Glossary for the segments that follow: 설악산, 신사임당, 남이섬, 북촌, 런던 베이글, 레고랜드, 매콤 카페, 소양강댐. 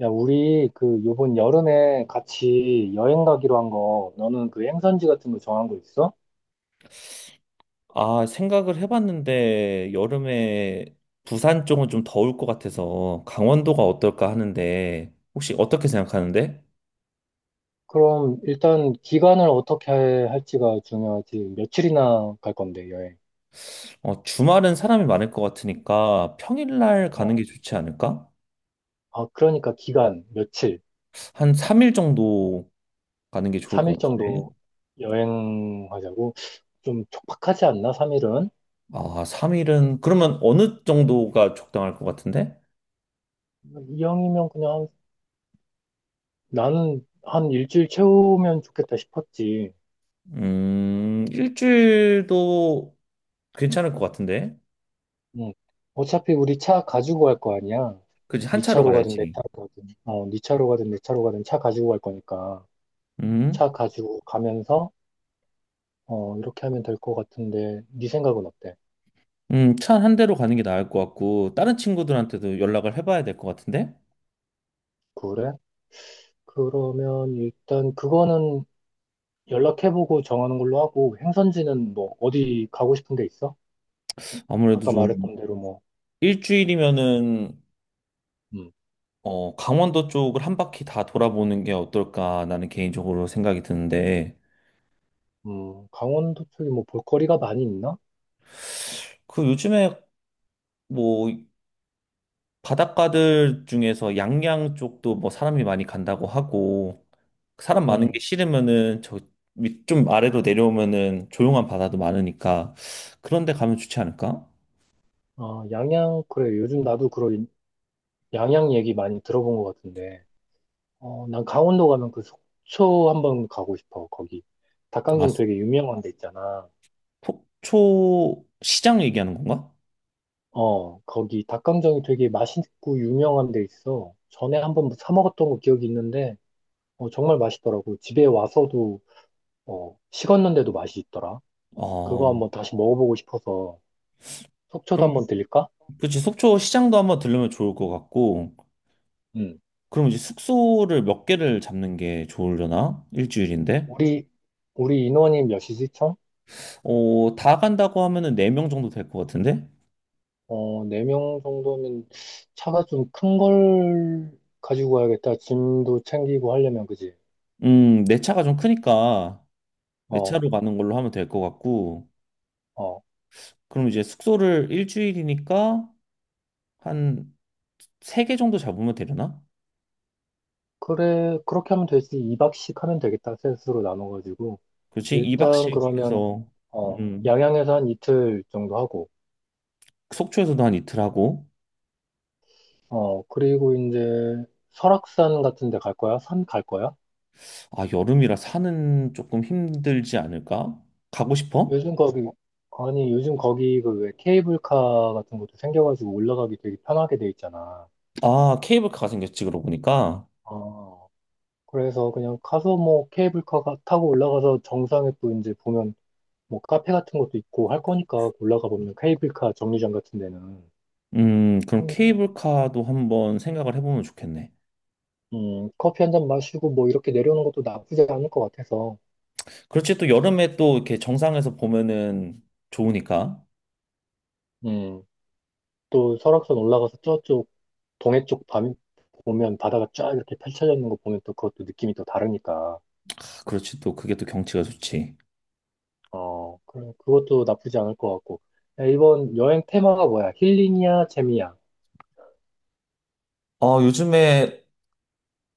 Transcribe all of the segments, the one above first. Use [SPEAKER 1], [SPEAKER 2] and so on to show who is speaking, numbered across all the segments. [SPEAKER 1] 야, 우리 그 요번 여름에 같이 여행 가기로 한 거, 너는 그 행선지 같은 거 정한 거 있어?
[SPEAKER 2] 아, 생각을 해봤는데 여름에 부산 쪽은 좀 더울 것 같아서 강원도가 어떨까 하는데 혹시 어떻게 생각하는데?
[SPEAKER 1] 그럼 일단 기간을 어떻게 할지가 중요하지. 며칠이나 갈 건데, 여행.
[SPEAKER 2] 어, 주말은 사람이 많을 것 같으니까 평일날 가는
[SPEAKER 1] 어.
[SPEAKER 2] 게 좋지 않을까?
[SPEAKER 1] 아, 그러니까 기간, 며칠,
[SPEAKER 2] 한 3일 정도 가는 게 좋을 것
[SPEAKER 1] 3일
[SPEAKER 2] 같은데.
[SPEAKER 1] 정도 여행하자고. 좀 촉박하지 않나, 3일은?
[SPEAKER 2] 아, 3일은 그러면 어느 정도가 적당할 것 같은데?
[SPEAKER 1] 이왕이면 그냥 나는 한 일주일 채우면 좋겠다 싶었지.
[SPEAKER 2] 일주일도 괜찮을 것 같은데.
[SPEAKER 1] 응. 어차피 우리 차 가지고 갈 거 아니야.
[SPEAKER 2] 그치, 한
[SPEAKER 1] 네
[SPEAKER 2] 차로
[SPEAKER 1] 차로 가든 내
[SPEAKER 2] 가야지.
[SPEAKER 1] 차로 가든, 차 가지고 갈 거니까 차
[SPEAKER 2] 음.
[SPEAKER 1] 가지고 가면서 이렇게 하면 될 것 같은데 네 생각은 어때?
[SPEAKER 2] 차 한 대로 가는 게 나을 것 같고, 다른 친구들한테도 연락을 해봐야 될 것 같은데?
[SPEAKER 1] 그래? 그러면 일단 그거는 연락해보고 정하는 걸로 하고 행선지는 뭐 어디 가고 싶은 데 있어?
[SPEAKER 2] 아무래도
[SPEAKER 1] 아까
[SPEAKER 2] 좀
[SPEAKER 1] 말했던 대로 뭐,
[SPEAKER 2] 일주일이면은,
[SPEAKER 1] 음,
[SPEAKER 2] 어, 강원도 쪽을 한 바퀴 다 돌아보는 게 어떨까, 나는 개인적으로 생각이 드는데,
[SPEAKER 1] 강원도 쪽에 뭐 볼거리가 많이 있나?
[SPEAKER 2] 그 요즘에 뭐, 바닷가들 중에서 양양 쪽도 뭐 사람이 많이 간다고 하고, 사람 많은 게
[SPEAKER 1] 음,
[SPEAKER 2] 싫으면은, 저, 밑 좀 아래로 내려오면은 조용한 바다도 많으니까, 그런 데 가면 좋지 않을까?
[SPEAKER 1] 양양 그래 요즘 나도 그런 양양 얘기 많이 들어본 것 같은데. 난 강원도 가면 그 속초 한번 가고 싶어. 거기
[SPEAKER 2] 아,
[SPEAKER 1] 닭강정 되게 유명한 데 있잖아.
[SPEAKER 2] 속초 시장 얘기하는 건가?
[SPEAKER 1] 거기 닭강정이 되게 맛있고 유명한 데 있어. 전에 한번 뭐 사 먹었던 거 기억이 있는데, 정말 맛있더라고. 집에 와서도, 식었는데도 맛이 있더라. 그거
[SPEAKER 2] 아,
[SPEAKER 1] 한번 다시 먹어보고 싶어서 속초도
[SPEAKER 2] 그럼
[SPEAKER 1] 한번 들릴까?
[SPEAKER 2] 그치 속초 시장도 한번 들르면 좋을 것 같고
[SPEAKER 1] 응.
[SPEAKER 2] 그럼 이제 숙소를 몇 개를 잡는 게 좋으려나? 일주일인데?
[SPEAKER 1] 우리, 우리 인원이 몇이지, 총?
[SPEAKER 2] 어, 다 간다고 하면은 4명 정도 될 것 같은데?
[SPEAKER 1] 네 명 정도면 차가 좀 큰 걸 가지고 가야겠다. 짐도 챙기고 하려면, 그지?
[SPEAKER 2] 내 차가 좀 크니까 내
[SPEAKER 1] 어,
[SPEAKER 2] 차로 가는 걸로 하면 될 것 같고
[SPEAKER 1] 어,
[SPEAKER 2] 그럼 이제 숙소를 일주일이니까 한 3개 정도 잡으면 되려나?
[SPEAKER 1] 그래, 그렇게 하면 되지. 2박씩 하면 되겠다. 셋으로 나눠가지고.
[SPEAKER 2] 그렇지
[SPEAKER 1] 일단
[SPEAKER 2] 2박씩
[SPEAKER 1] 그러면,
[SPEAKER 2] 해서 음,
[SPEAKER 1] 양양에서 한 이틀 정도 하고,
[SPEAKER 2] 속초에서도 한 이틀 하고
[SPEAKER 1] 그리고 이제 설악산 같은 데 갈 거야? 산 갈 거야?
[SPEAKER 2] 아, 여름이라 산은 조금 힘들지 않을까? 가고 싶어?
[SPEAKER 1] 요즘 거기, 아니, 요즘 거기 그 왜 케이블카 같은 것도 생겨가지고 올라가기 되게 편하게 돼 있잖아.
[SPEAKER 2] 아, 케이블카가 생겼지, 그러고 보니까.
[SPEAKER 1] 어, 그래서 그냥 가서 뭐 케이블카 타고 올라가서 정상에 또 이제 보면 뭐 카페 같은 것도 있고 할 거니까 올라가 보면 케이블카 정류장 같은 데는.
[SPEAKER 2] 그럼 케이블카도 한번 생각을 해보면 좋겠네.
[SPEAKER 1] 커피 한 잔 마시고 뭐 이렇게 내려오는 것도 나쁘지 않을 것 같아서,
[SPEAKER 2] 그렇지, 또 여름에 또 이렇게 정상에서 보면은 좋으니까.
[SPEAKER 1] 음, 또 설악산 올라가서 저쪽 동해 쪽 밤, 보면 바다가 쫙 이렇게 펼쳐져 있는 거 보면 또 그것도 느낌이 또 다르니까,
[SPEAKER 2] 아, 그렇지, 또 그게 또 경치가 좋지.
[SPEAKER 1] 그럼 그것도 나쁘지 않을 것 같고. 야, 이번 여행 테마가 뭐야? 힐링이야, 재미야?
[SPEAKER 2] 어, 요즘에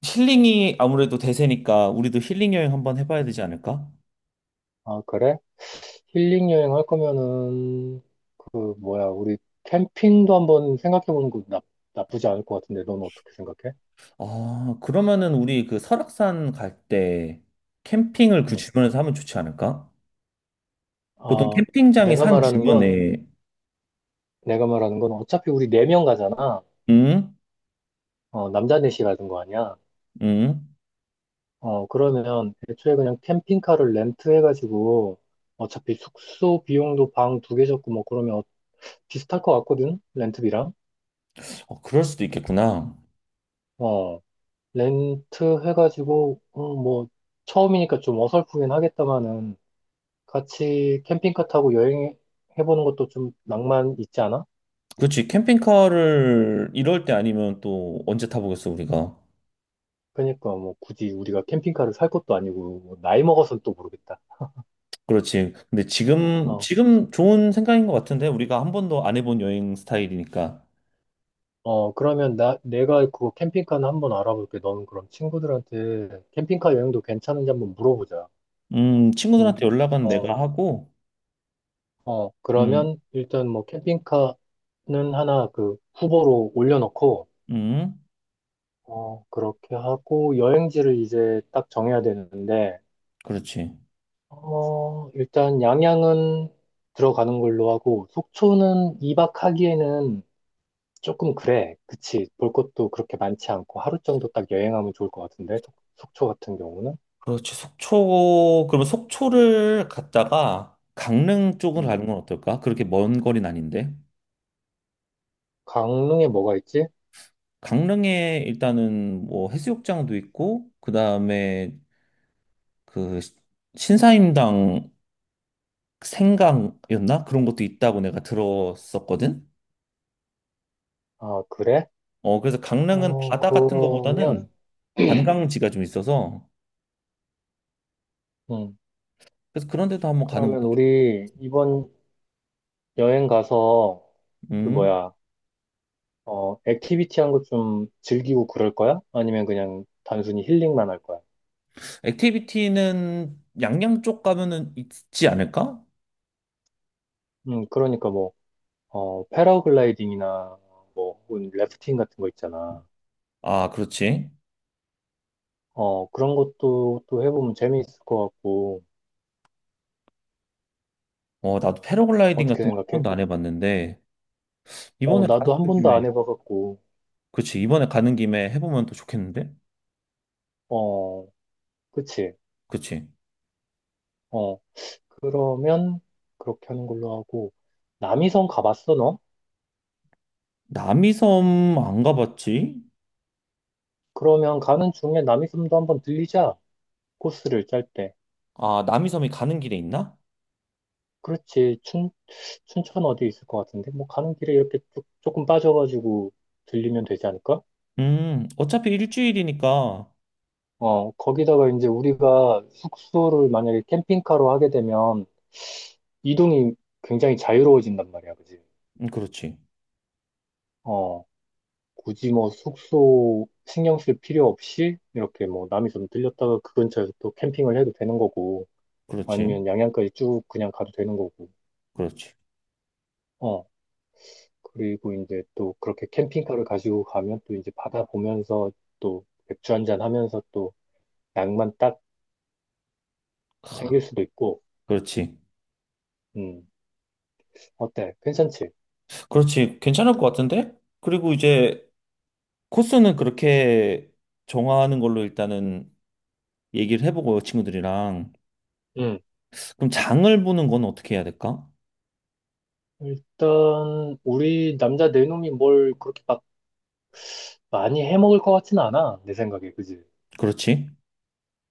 [SPEAKER 2] 힐링이 아무래도 대세니까 우리도 힐링 여행 한번 해봐야 되지
[SPEAKER 1] 음,
[SPEAKER 2] 않을까?
[SPEAKER 1] 아, 그래? 힐링 여행 할 거면은, 그, 뭐야, 우리 캠핑도 한번 생각해 보는 거 나쁘지 않을 것 같은데, 넌 어떻게 생각해?
[SPEAKER 2] 아, 그러면은 우리 그 설악산 갈 때 캠핑을 그
[SPEAKER 1] 음.
[SPEAKER 2] 주변에서 하면 좋지 않을까? 보통
[SPEAKER 1] 아,
[SPEAKER 2] 캠핑장이
[SPEAKER 1] 내가
[SPEAKER 2] 산
[SPEAKER 1] 말하는 건,
[SPEAKER 2] 주변에,
[SPEAKER 1] 내가 말하는 건 어차피 우리 네 명 가잖아.
[SPEAKER 2] 응?
[SPEAKER 1] 남자 넷이 가는 거 아니야.
[SPEAKER 2] 응?
[SPEAKER 1] 그러면 애초에 그냥 캠핑카를 렌트해가지고 어차피 숙소 비용도 방 두 개 잡고 뭐 그러면 비슷할 것 같거든? 렌트비랑.
[SPEAKER 2] 어, 그럴 수도 있겠구나.
[SPEAKER 1] 어, 렌트해가지고, 뭐, 처음이니까 좀 어설프긴 하겠다마는 같이 캠핑카 타고 여행해보는 것도 좀 낭만 있지 않아?
[SPEAKER 2] 그렇지. 캠핑카를 이럴 때 아니면 또 언제 타보겠어, 우리가.
[SPEAKER 1] 그러니까 뭐 굳이 우리가 캠핑카를 살 것도 아니고, 뭐 나이 먹어서는 또 모르겠다.
[SPEAKER 2] 그렇지. 근데 지금,
[SPEAKER 1] 어,
[SPEAKER 2] 지금 좋은 생각인 것 같은데, 우리가 한 번도 안 해본 여행 스타일이니까.
[SPEAKER 1] 어, 그러면 내가 그거 캠핑카는 한번 알아볼게. 너는 그럼 친구들한테 캠핑카 여행도 괜찮은지 한번 물어보자. 음,
[SPEAKER 2] 친구들한테 연락은
[SPEAKER 1] 어,
[SPEAKER 2] 내가 하고,
[SPEAKER 1] 어,
[SPEAKER 2] 음,
[SPEAKER 1] 그러면 일단 뭐 캠핑카는 하나 그 후보로 올려놓고,
[SPEAKER 2] 음,
[SPEAKER 1] 그렇게 하고 여행지를 이제 딱 정해야 되는데,
[SPEAKER 2] 그렇지.
[SPEAKER 1] 일단 양양은 들어가는 걸로 하고, 속초는 2박 하기에는 조금 그래. 그치. 볼 것도 그렇게 많지 않고 하루 정도 딱 여행하면 좋을 것 같은데, 속초 같은 경우는.
[SPEAKER 2] 그렇지. 속초, 그러면 속초를 갔다가 강릉 쪽으로
[SPEAKER 1] 음.
[SPEAKER 2] 가는 건 어떨까? 그렇게 먼 거리는 아닌데.
[SPEAKER 1] 강릉에 뭐가 있지?
[SPEAKER 2] 강릉에 일단은 뭐 해수욕장도 있고, 그 다음에 그 신사임당 생강이었나? 그런 것도 있다고 내가 들었었거든.
[SPEAKER 1] 아, 그래?
[SPEAKER 2] 어, 그래서 강릉은
[SPEAKER 1] 어,
[SPEAKER 2] 바다 같은
[SPEAKER 1] 그러면,
[SPEAKER 2] 거보다는 관광지가 좀 있어서
[SPEAKER 1] 음,
[SPEAKER 2] 그래서 그런 데도 한번 가는 것도 좋
[SPEAKER 1] 우리 이번 여행 가서, 그
[SPEAKER 2] 음.
[SPEAKER 1] 뭐야, 액티비티 한 거 좀 즐기고 그럴 거야? 아니면 그냥 단순히 힐링만 할 거야?
[SPEAKER 2] 액티비티는 양양 쪽 가면은 있지 않을까?
[SPEAKER 1] 그러니까 뭐, 패러글라이딩이나 뭐, 혹은 래프팅 같은 거 있잖아.
[SPEAKER 2] 아, 그렇지.
[SPEAKER 1] 그런 것도 또 해보면 재미있을 것 같고,
[SPEAKER 2] 어, 나도 패러글라이딩
[SPEAKER 1] 어떻게
[SPEAKER 2] 같은 거 한
[SPEAKER 1] 생각해?
[SPEAKER 2] 번도 안 해봤는데 이번에
[SPEAKER 1] 나도 한
[SPEAKER 2] 가는
[SPEAKER 1] 번도 안
[SPEAKER 2] 김에
[SPEAKER 1] 해봐갖고,
[SPEAKER 2] 그치 이번에 가는 김에 해보면 또 좋겠는데?
[SPEAKER 1] 어, 그치?
[SPEAKER 2] 그치.
[SPEAKER 1] 어, 그러면 그렇게 하는 걸로 하고 남이섬 가봤어 너?
[SPEAKER 2] 남이섬 안 가봤지?
[SPEAKER 1] 그러면 가는 중에 남이섬도 한번 들리자 코스를 짤 때.
[SPEAKER 2] 아, 남이섬이 가는 길에 있나?
[SPEAKER 1] 그렇지 춘 춘천 어디 있을 것 같은데 뭐 가는 길에 이렇게 조금 빠져가지고 들리면 되지 않을까?
[SPEAKER 2] 어차피 일주일이니까
[SPEAKER 1] 거기다가 이제 우리가 숙소를 만약에 캠핑카로 하게 되면 이동이 굉장히 자유로워진단 말이야, 그지?
[SPEAKER 2] 그렇지.
[SPEAKER 1] 어 굳이 뭐 숙소 신경 쓸 필요 없이 이렇게 뭐 남이섬 들렸다가 그 근처에서 또 캠핑을 해도 되는 거고.
[SPEAKER 2] 그렇지.
[SPEAKER 1] 아니면 양양까지 쭉 그냥 가도 되는 거고.
[SPEAKER 2] 그렇지.
[SPEAKER 1] 어, 그리고 이제 또 그렇게 캠핑카를 가지고 가면 또 이제 바다 보면서 또 맥주 한잔 하면서 또 양만 딱 챙길 수도 있고.
[SPEAKER 2] 그렇지.
[SPEAKER 1] 음, 어때? 괜찮지?
[SPEAKER 2] 그렇지. 괜찮을 것 같은데? 그리고 이제 코스는 그렇게 정하는 걸로 일단은 얘기를 해보고 친구들이랑.
[SPEAKER 1] 음.
[SPEAKER 2] 그럼 장을 보는 건 어떻게 해야 될까?
[SPEAKER 1] 일단 우리 남자 네 놈이 뭘 그렇게 막 많이 해 먹을 것 같진 않아. 내 생각에. 그지?
[SPEAKER 2] 그렇지.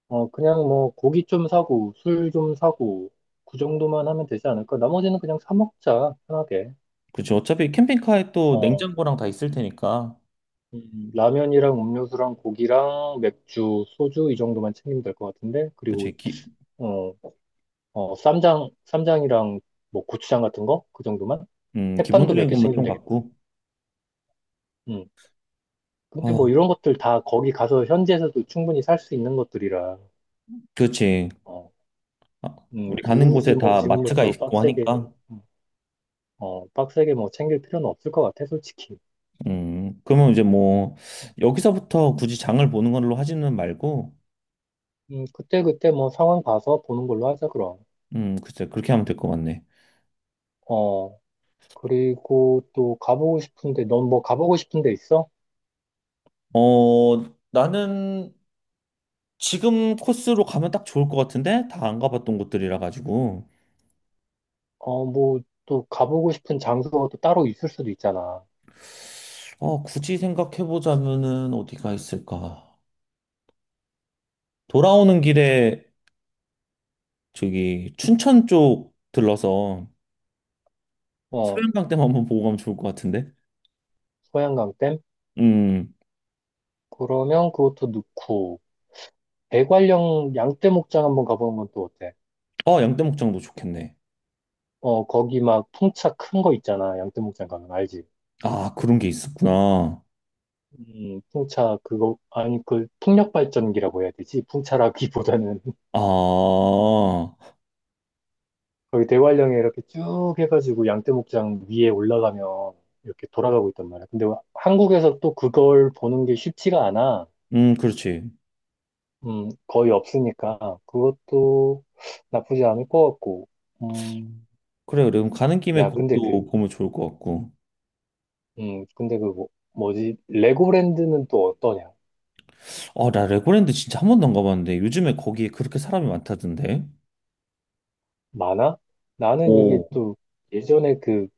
[SPEAKER 1] 그냥 뭐 고기 좀 사고 술 좀 사고 그 정도만 하면 되지 않을까? 나머지는 그냥 사 먹자. 편하게.
[SPEAKER 2] 그렇지. 어차피 캠핑카에 또
[SPEAKER 1] 어.
[SPEAKER 2] 냉장고랑 다 있을 테니까.
[SPEAKER 1] 라면이랑 음료수랑 고기랑 맥주, 소주 이 정도만 챙기면 될 것 같은데 그리고
[SPEAKER 2] 그렇지.
[SPEAKER 1] 어, 어, 쌈장이랑 뭐 고추장 같은 거 그 정도만 햇반도 몇
[SPEAKER 2] 기본적인
[SPEAKER 1] 개
[SPEAKER 2] 것만
[SPEAKER 1] 챙기면
[SPEAKER 2] 좀
[SPEAKER 1] 되겠다.
[SPEAKER 2] 갖고.
[SPEAKER 1] 음. 근데
[SPEAKER 2] 어,
[SPEAKER 1] 뭐 이런 것들 다 거기 가서 현지에서도 충분히 살 수 있는 것들이라
[SPEAKER 2] 그렇지.
[SPEAKER 1] 어,
[SPEAKER 2] 아, 우리 가는
[SPEAKER 1] 굳이
[SPEAKER 2] 곳에
[SPEAKER 1] 뭐
[SPEAKER 2] 다 마트가
[SPEAKER 1] 지금부터
[SPEAKER 2] 있고
[SPEAKER 1] 빡세게
[SPEAKER 2] 하니까.
[SPEAKER 1] 음, 빡세게 뭐 챙길 필요는 없을 것 같아 솔직히.
[SPEAKER 2] 그러면 이제 뭐 여기서부터 굳이 장을 보는 걸로 하지는 말고
[SPEAKER 1] 그때 그때 뭐 상황 봐서 보는 걸로 하자 그럼.
[SPEAKER 2] 글쎄, 그렇게 하면 될 것 같네.
[SPEAKER 1] 어, 그리고 또 가보고 싶은데, 넌 뭐 가보고 싶은 데 있어?
[SPEAKER 2] 어, 나는 지금 코스로 가면 딱 좋을 것 같은데? 다 안 가봤던 곳들이라 가지고.
[SPEAKER 1] 뭐 또 가보고 싶은 장소가 또 따로 있을 수도 있잖아.
[SPEAKER 2] 어, 굳이 생각해보자면은 어디가 있을까? 돌아오는 길에 저기 춘천 쪽 들러서
[SPEAKER 1] 어,
[SPEAKER 2] 소양강댐 한번 보고 가면 좋을 것 같은데?
[SPEAKER 1] 소양강 댐?
[SPEAKER 2] 음,
[SPEAKER 1] 그러면 그것도 넣고, 대관령 양떼 목장 한번 가보는 건 또 어때?
[SPEAKER 2] 어, 양떼목장도 좋겠네.
[SPEAKER 1] 거기 막 풍차 큰 거 있잖아. 양떼 목장 가면 알지?
[SPEAKER 2] 아, 그런 게 있었구나.
[SPEAKER 1] 풍차 그거, 아니, 그 풍력 발전기라고 해야 되지? 풍차라기보다는
[SPEAKER 2] 아,
[SPEAKER 1] 거기 대관령에 이렇게 쭉 해가지고 양떼목장 위에 올라가면 이렇게 돌아가고 있단 말이야. 근데 한국에서 또 그걸 보는 게 쉽지가 않아.
[SPEAKER 2] 그렇지.
[SPEAKER 1] 거의 없으니까 그것도 나쁘지 않을 것 같고. 음,
[SPEAKER 2] 그래, 그래. 그럼 가는 김에
[SPEAKER 1] 야,
[SPEAKER 2] 그것도 보면 좋을 것 같고.
[SPEAKER 1] 근데 그 뭐, 뭐지? 레고랜드는 또 어떠냐?
[SPEAKER 2] 아, 나 레고랜드 진짜 한 번도 안 가봤는데 요즘에 거기에 그렇게 사람이 많다던데.
[SPEAKER 1] 많아? 나는 이게
[SPEAKER 2] 오,
[SPEAKER 1] 또 예전에 그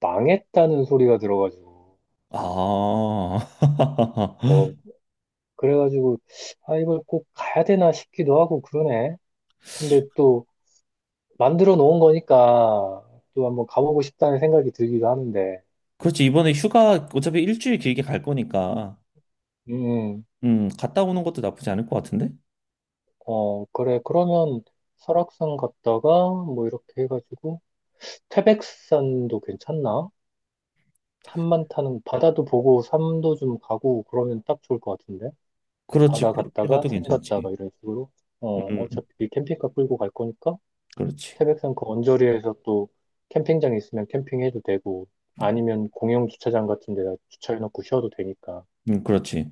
[SPEAKER 1] 망했다는 소리가 들어가지고
[SPEAKER 2] 아,
[SPEAKER 1] 뭐 그래가지고 아 이걸 꼭 가야 되나 싶기도 하고 그러네. 근데 또 만들어 놓은 거니까 또 한번 가보고 싶다는 생각이 들기도 하는데,
[SPEAKER 2] 그렇지. 이번에 휴가 어차피 일주일 길게 갈 거니까,
[SPEAKER 1] 음, 음.
[SPEAKER 2] 갔다 오는 것도 나쁘지 않을 것 같은데?
[SPEAKER 1] 어, 그래. 그러면 설악산 갔다가 뭐 이렇게 해가지고 태백산도 괜찮나? 산만 타는, 바다도 보고 산도 좀 가고 그러면 딱 좋을 것 같은데?
[SPEAKER 2] 그렇지.
[SPEAKER 1] 바다
[SPEAKER 2] 그렇게
[SPEAKER 1] 갔다가
[SPEAKER 2] 가도
[SPEAKER 1] 산
[SPEAKER 2] 괜찮지.
[SPEAKER 1] 갔다가 이런 식으로. 어,
[SPEAKER 2] 음,
[SPEAKER 1] 어차피 캠핑카 끌고 갈 거니까
[SPEAKER 2] 그렇지.
[SPEAKER 1] 태백산 그 언저리에서 또 캠핑장 있으면 캠핑해도 되고 아니면 공영 주차장 같은 데다 주차해놓고 쉬어도 되니까.
[SPEAKER 2] 그렇지.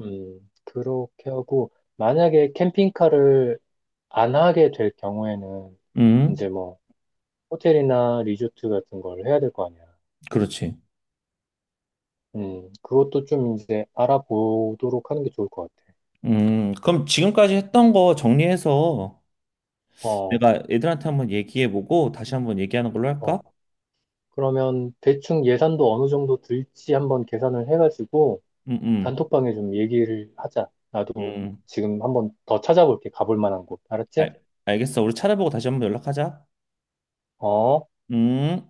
[SPEAKER 1] 그렇게 하고, 만약에 캠핑카를 안 하게 될 경우에는,
[SPEAKER 2] 음,
[SPEAKER 1] 이제 뭐, 호텔이나 리조트 같은 걸 해야 될 거 아니야.
[SPEAKER 2] 그렇지.
[SPEAKER 1] 그것도 좀 이제 알아보도록 하는 게 좋을 것 같아.
[SPEAKER 2] 그럼 지금까지 했던 거 정리해서
[SPEAKER 1] 어,
[SPEAKER 2] 내가 애들한테 한번 얘기해보고 다시 한번 얘기하는 걸로
[SPEAKER 1] 어.
[SPEAKER 2] 할까?
[SPEAKER 1] 그러면 대충 예산도 어느 정도 들지 한번 계산을 해가지고,
[SPEAKER 2] 음, 음,
[SPEAKER 1] 단톡방에 좀 얘기를 하자. 나도
[SPEAKER 2] 음.
[SPEAKER 1] 지금 한번 더 찾아볼게. 가볼 만한 곳. 알았지?
[SPEAKER 2] 알, 알겠어. 우리 찾아보고 다시 한번 연락하자.
[SPEAKER 1] 어.
[SPEAKER 2] 음.